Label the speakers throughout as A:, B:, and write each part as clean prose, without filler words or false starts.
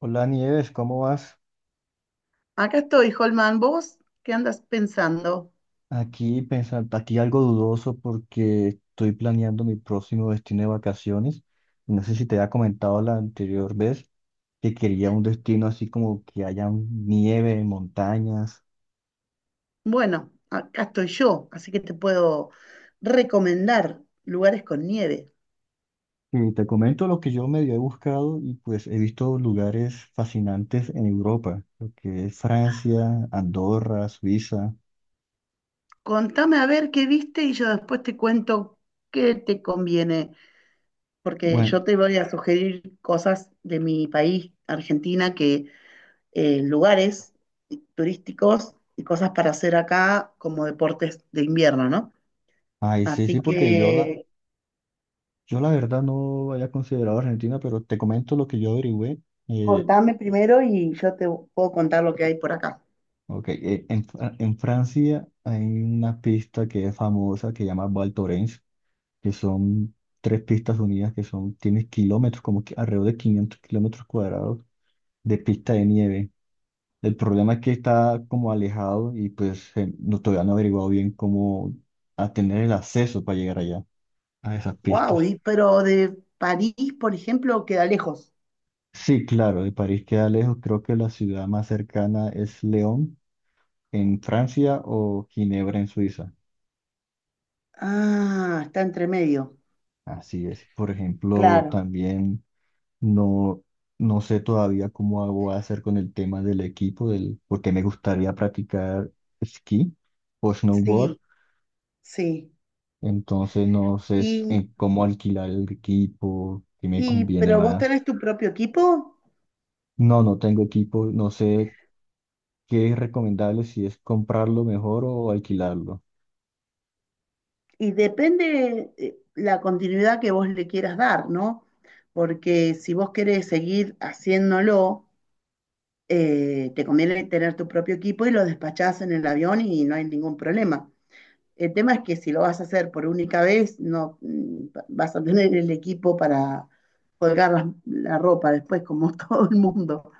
A: Hola Nieves, ¿cómo vas?
B: Acá estoy, Holman. ¿Vos qué andas pensando?
A: Aquí pensando, aquí algo dudoso porque estoy planeando mi próximo destino de vacaciones. No sé si te había comentado la anterior vez que quería un destino así como que haya nieve, montañas.
B: Bueno, acá estoy yo, así que te puedo recomendar lugares con nieve.
A: Y te comento lo que yo medio he buscado y pues he visto lugares fascinantes en Europa, lo que es Francia, Andorra, Suiza.
B: Contame a ver qué viste y yo después te cuento qué te conviene, porque
A: Bueno,
B: yo te voy a sugerir cosas de mi país, Argentina, que lugares turísticos y cosas para hacer acá como deportes de invierno, ¿no?
A: ay, sí,
B: Así
A: sí, porque yo la,
B: que
A: yo la verdad no había considerado Argentina, pero te comento lo que yo averigüé. Eh,
B: contame primero y yo te puedo contar lo que hay por acá.
A: Ok, en, en Francia hay una pista que es famosa que se llama Val Thorens, que son tres pistas unidas que son, tienen kilómetros, como que alrededor de 500 kilómetros cuadrados de pista de nieve. El problema es que está como alejado y pues no, todavía no he averiguado bien cómo a tener el acceso para llegar allá, a esas
B: Wow,
A: pistas.
B: pero de París, por ejemplo, queda lejos.
A: Sí, claro, de París queda lejos, creo que la ciudad más cercana es León en Francia o Ginebra en Suiza.
B: Ah, está entre medio.
A: Así es. Por ejemplo,
B: Claro,
A: también no, no sé todavía voy a hacer con el tema del equipo, del, porque me gustaría practicar esquí o snowboard.
B: sí, sí.
A: Entonces no sé
B: Y,
A: en cómo alquilar el equipo, qué me
B: y,
A: conviene
B: pero vos
A: más.
B: tenés tu propio equipo
A: No, no tengo equipo, no sé qué es recomendable, si es comprarlo mejor o alquilarlo.
B: y depende la continuidad que vos le quieras dar, ¿no? Porque si vos querés seguir haciéndolo, te conviene tener tu propio equipo y lo despachás en el avión y no hay ningún problema. El tema es que si lo vas a hacer por única vez, no vas a tener el equipo para colgar la ropa después, como todo el mundo.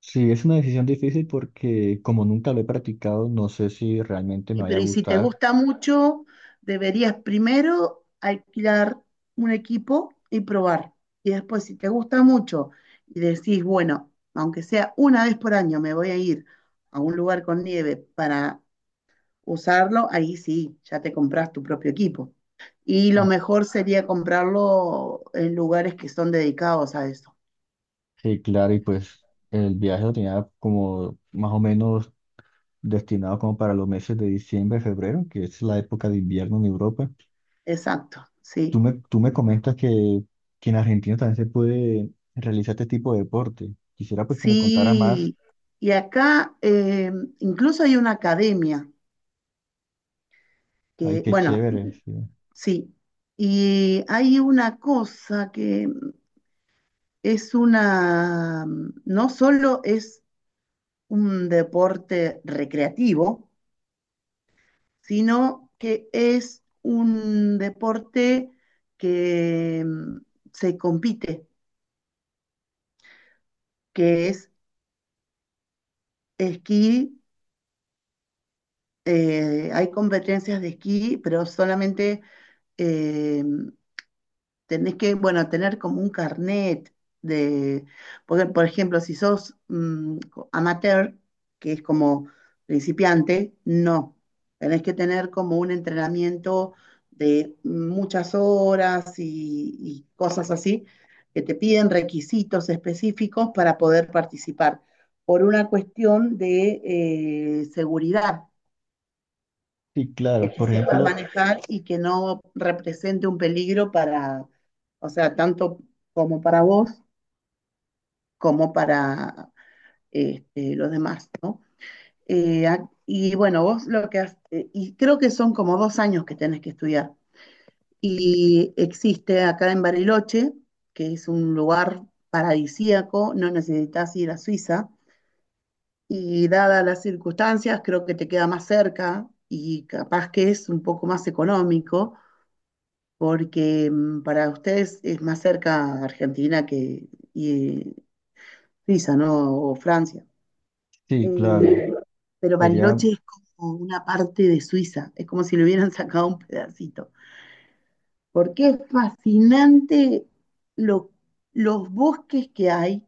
A: Sí, es una decisión difícil porque como nunca lo he practicado, no sé si realmente me
B: Y,
A: vaya a
B: pero y si te
A: gustar.
B: gusta mucho, deberías primero alquilar un equipo y probar. Y después, si te gusta mucho y decís, bueno, aunque sea una vez por año me voy a ir a un lugar con nieve para usarlo, ahí sí, ya te compras tu propio equipo. Y lo mejor sería comprarlo en lugares que son dedicados a eso.
A: Sí, claro, y pues el viaje lo tenía como más o menos destinado como para los meses de diciembre, febrero, que es la época de invierno en Europa.
B: Exacto,
A: Tú
B: sí.
A: me, tú me comentas que en Argentina también se puede realizar este tipo de deporte. Quisiera pues que me contara más.
B: Sí, y acá incluso hay una academia
A: Ay,
B: que,
A: qué
B: bueno,
A: chévere, sí.
B: sí, y hay una cosa que es una, no solo es un deporte recreativo, sino que es un deporte que se compite, que es esquí. Hay competencias de esquí, pero solamente eh, tenés que, bueno, tener como un carnet de, porque, por ejemplo, si sos amateur, que es como principiante, no. Tenés que tener como un entrenamiento de muchas horas y cosas así, que te piden requisitos específicos para poder participar, por una cuestión de seguridad
A: Sí,
B: que
A: claro.
B: te
A: Por
B: sepas
A: ejemplo,
B: manejar y que no represente un peligro para, o sea, tanto como para vos como para los demás, ¿no? Y bueno, vos lo que has, y creo que son como dos años que tenés que estudiar. Y existe acá en Bariloche, que es un lugar paradisíaco, no necesitas ir a Suiza, y dadas las circunstancias, creo que te queda más cerca y capaz que es un poco más económico porque para ustedes es más cerca Argentina que y, Suiza, ¿no? O Francia.
A: sí, claro.
B: Eh, pero
A: Sería,
B: Bariloche es como una parte de Suiza, es como si le hubieran sacado un pedacito, porque es fascinante lo- los bosques que hay,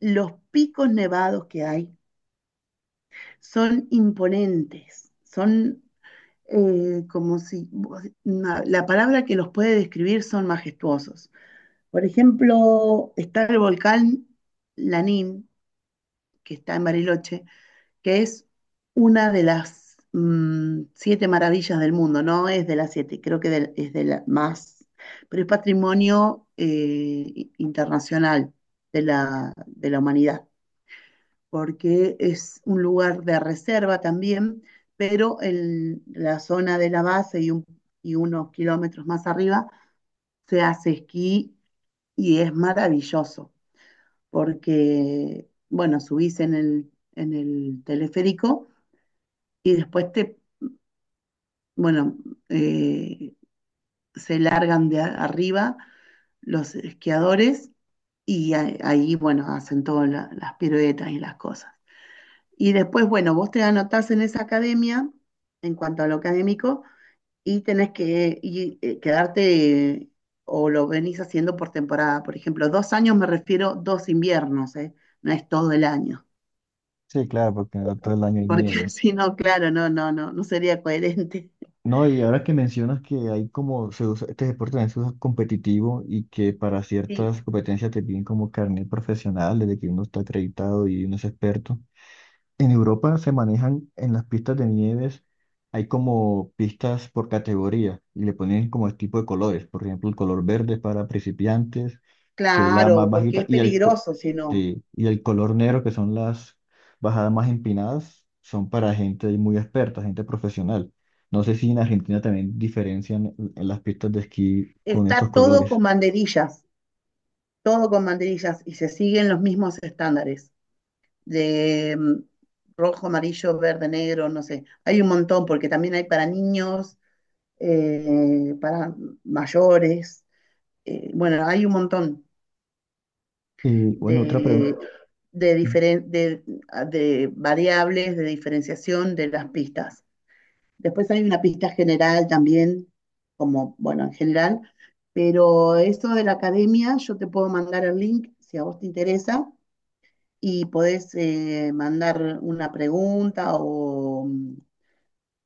B: los picos nevados que hay, son imponentes, son como si, la palabra que los puede describir son majestuosos. Por ejemplo, está el volcán Lanín, que está en Bariloche, que es una de las siete maravillas del mundo, no es de las siete, creo que es de la más, pero es patrimonio internacional de la humanidad, porque es un lugar de reserva también, pero en la zona de la base y unos kilómetros más arriba se hace esquí y es maravilloso. Porque, bueno, subís en el teleférico y después bueno, eh, se largan de arriba los esquiadores y ahí, bueno, hacen todas las piruetas y las cosas. Y después, bueno, vos te anotás en esa academia en cuanto a lo académico y tenés que quedarte o lo venís haciendo por temporada. Por ejemplo, dos años me refiero dos inviernos, ¿eh? No es todo el año.
A: sí, claro, porque no todo el año hay
B: Porque
A: nieve.
B: si no, claro, no, no, no, no sería coherente.
A: No, y ahora que mencionas que hay como, este deporte también se usa competitivo y que para
B: Sí,
A: ciertas competencias te piden como carnet profesional, desde que uno está acreditado y uno es experto. En Europa se manejan en las pistas de nieves, hay como pistas por categoría y le ponen como el tipo de colores. Por ejemplo, el color verde es para principiantes, que es la más
B: claro, porque
A: bajita,
B: es
A: y
B: peligroso si no.
A: sí, y el color negro, que son las bajadas más empinadas, son para gente muy experta, gente profesional. No sé si en Argentina también diferencian en las pistas de esquí con estos
B: Está
A: colores.
B: todo con banderillas y se siguen los mismos estándares de rojo, amarillo, verde, negro, no sé. Hay un montón porque también hay para niños, para mayores. Bueno, hay un montón
A: Y bueno, otra pregunta.
B: de, de, diferen- de, de variables de diferenciación de las pistas. Después hay una pista general también, como, bueno, en general, pero esto de la academia, yo te puedo mandar el link si a vos te interesa y podés mandar una pregunta o,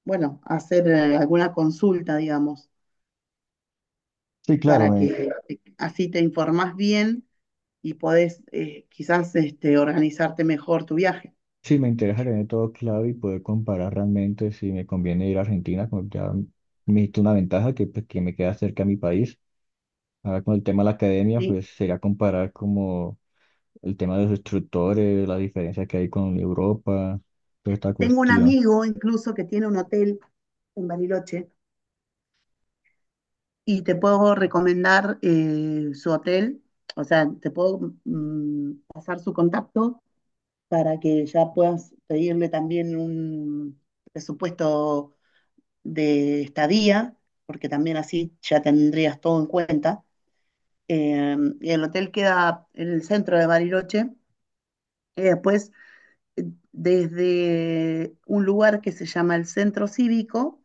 B: bueno, hacer alguna consulta, digamos,
A: Sí,
B: para que así te informás bien y podés quizás organizarte mejor tu viaje.
A: sí me interesa tener todo claro y poder comparar realmente si me conviene ir a Argentina, como ya me diste una ventaja que, pues, que me queda cerca a mi país. Ahora con el tema de la academia,
B: ¿Sí?
A: pues sería comparar como el tema de los instructores, la diferencia que hay con Europa, toda esta
B: Tengo un
A: cuestión.
B: amigo incluso que tiene un hotel en Bariloche y te puedo recomendar su hotel, o sea, te puedo pasar su contacto para que ya puedas pedirle también un presupuesto de estadía, porque también así ya tendrías todo en cuenta. Y el hotel queda en el centro de Bariloche. Y después desde un lugar que se llama el Centro Cívico,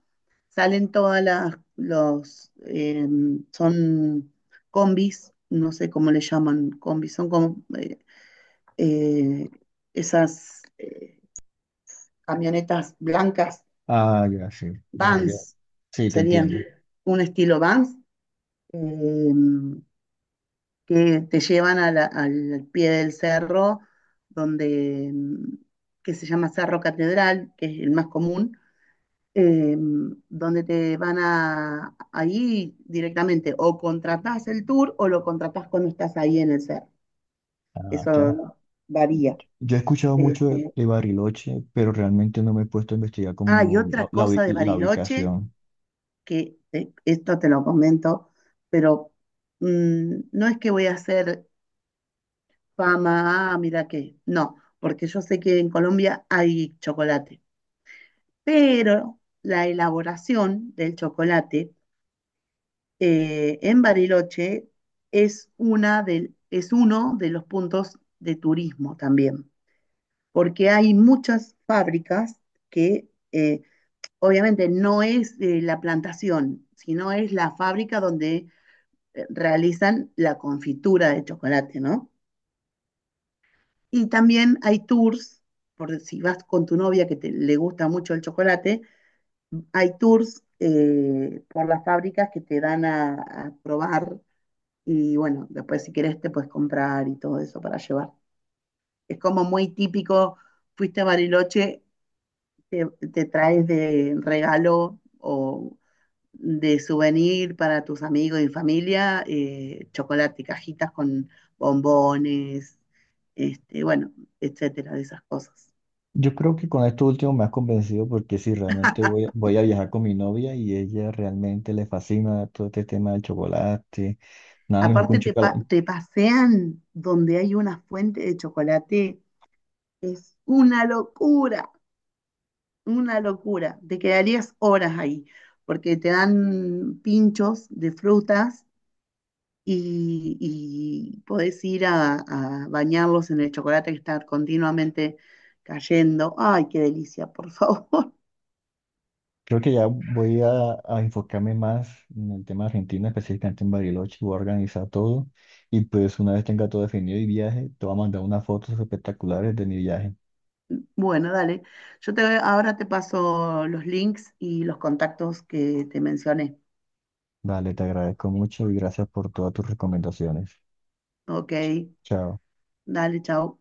B: salen todas son combis, no sé cómo le llaman combis, son como eh, esas camionetas blancas,
A: Ah, ya, sí, ya, ya.
B: vans,
A: Sí, te
B: serían
A: entiendo.
B: un estilo vans, eh, que te llevan a al pie del cerro, donde, que se llama Cerro Catedral, que es el más común, eh, donde te van ahí directamente, o contratás el tour o lo contratás cuando estás ahí en el CER.
A: Ah, claro.
B: Eso varía.
A: Yo he escuchado mucho
B: Este,
A: de Bariloche, pero realmente no me he puesto a investigar
B: y
A: como
B: otra cosa de
A: la
B: Bariloche,
A: ubicación.
B: que esto te lo comento, pero no es que voy a hacer fama, ah, mira que, no, porque yo sé que en Colombia hay chocolate, pero la elaboración del chocolate en Bariloche es uno de los puntos de turismo también, porque hay muchas fábricas que obviamente no es la plantación, sino es la fábrica donde realizan la confitura de chocolate, ¿no? Y también hay tours, por si vas con tu novia que le gusta mucho el chocolate, hay tours por las fábricas que te dan a probar. Y bueno, después si querés te puedes comprar y todo eso para llevar. Es como muy típico, fuiste a Bariloche, te, te traes de regalo o de souvenir para tus amigos y familia, chocolate, cajitas con bombones, bueno, etcétera, de esas cosas.
A: Yo creo que con esto último me has convencido porque si realmente voy a viajar con mi novia y ella realmente le fascina todo este tema del chocolate, nada mejor que un
B: Aparte te, pa-
A: chocola-
B: te pasean donde hay una fuente de chocolate, es una locura. Una locura, te quedarías horas ahí, porque te dan pinchos de frutas y, y podés ir a bañarlos en el chocolate que está continuamente cayendo. Ay, qué delicia, por favor.
A: Creo que ya a enfocarme más en el tema Argentina, específicamente en Bariloche, voy a organizar todo y pues una vez tenga todo definido y viaje, te voy a mandar unas fotos espectaculares de mi viaje.
B: Bueno, dale. Yo ahora te paso los links y los contactos que te mencioné.
A: Vale, te agradezco mucho y gracias por todas tus recomendaciones.
B: Ok,
A: Chao.
B: dale, chao.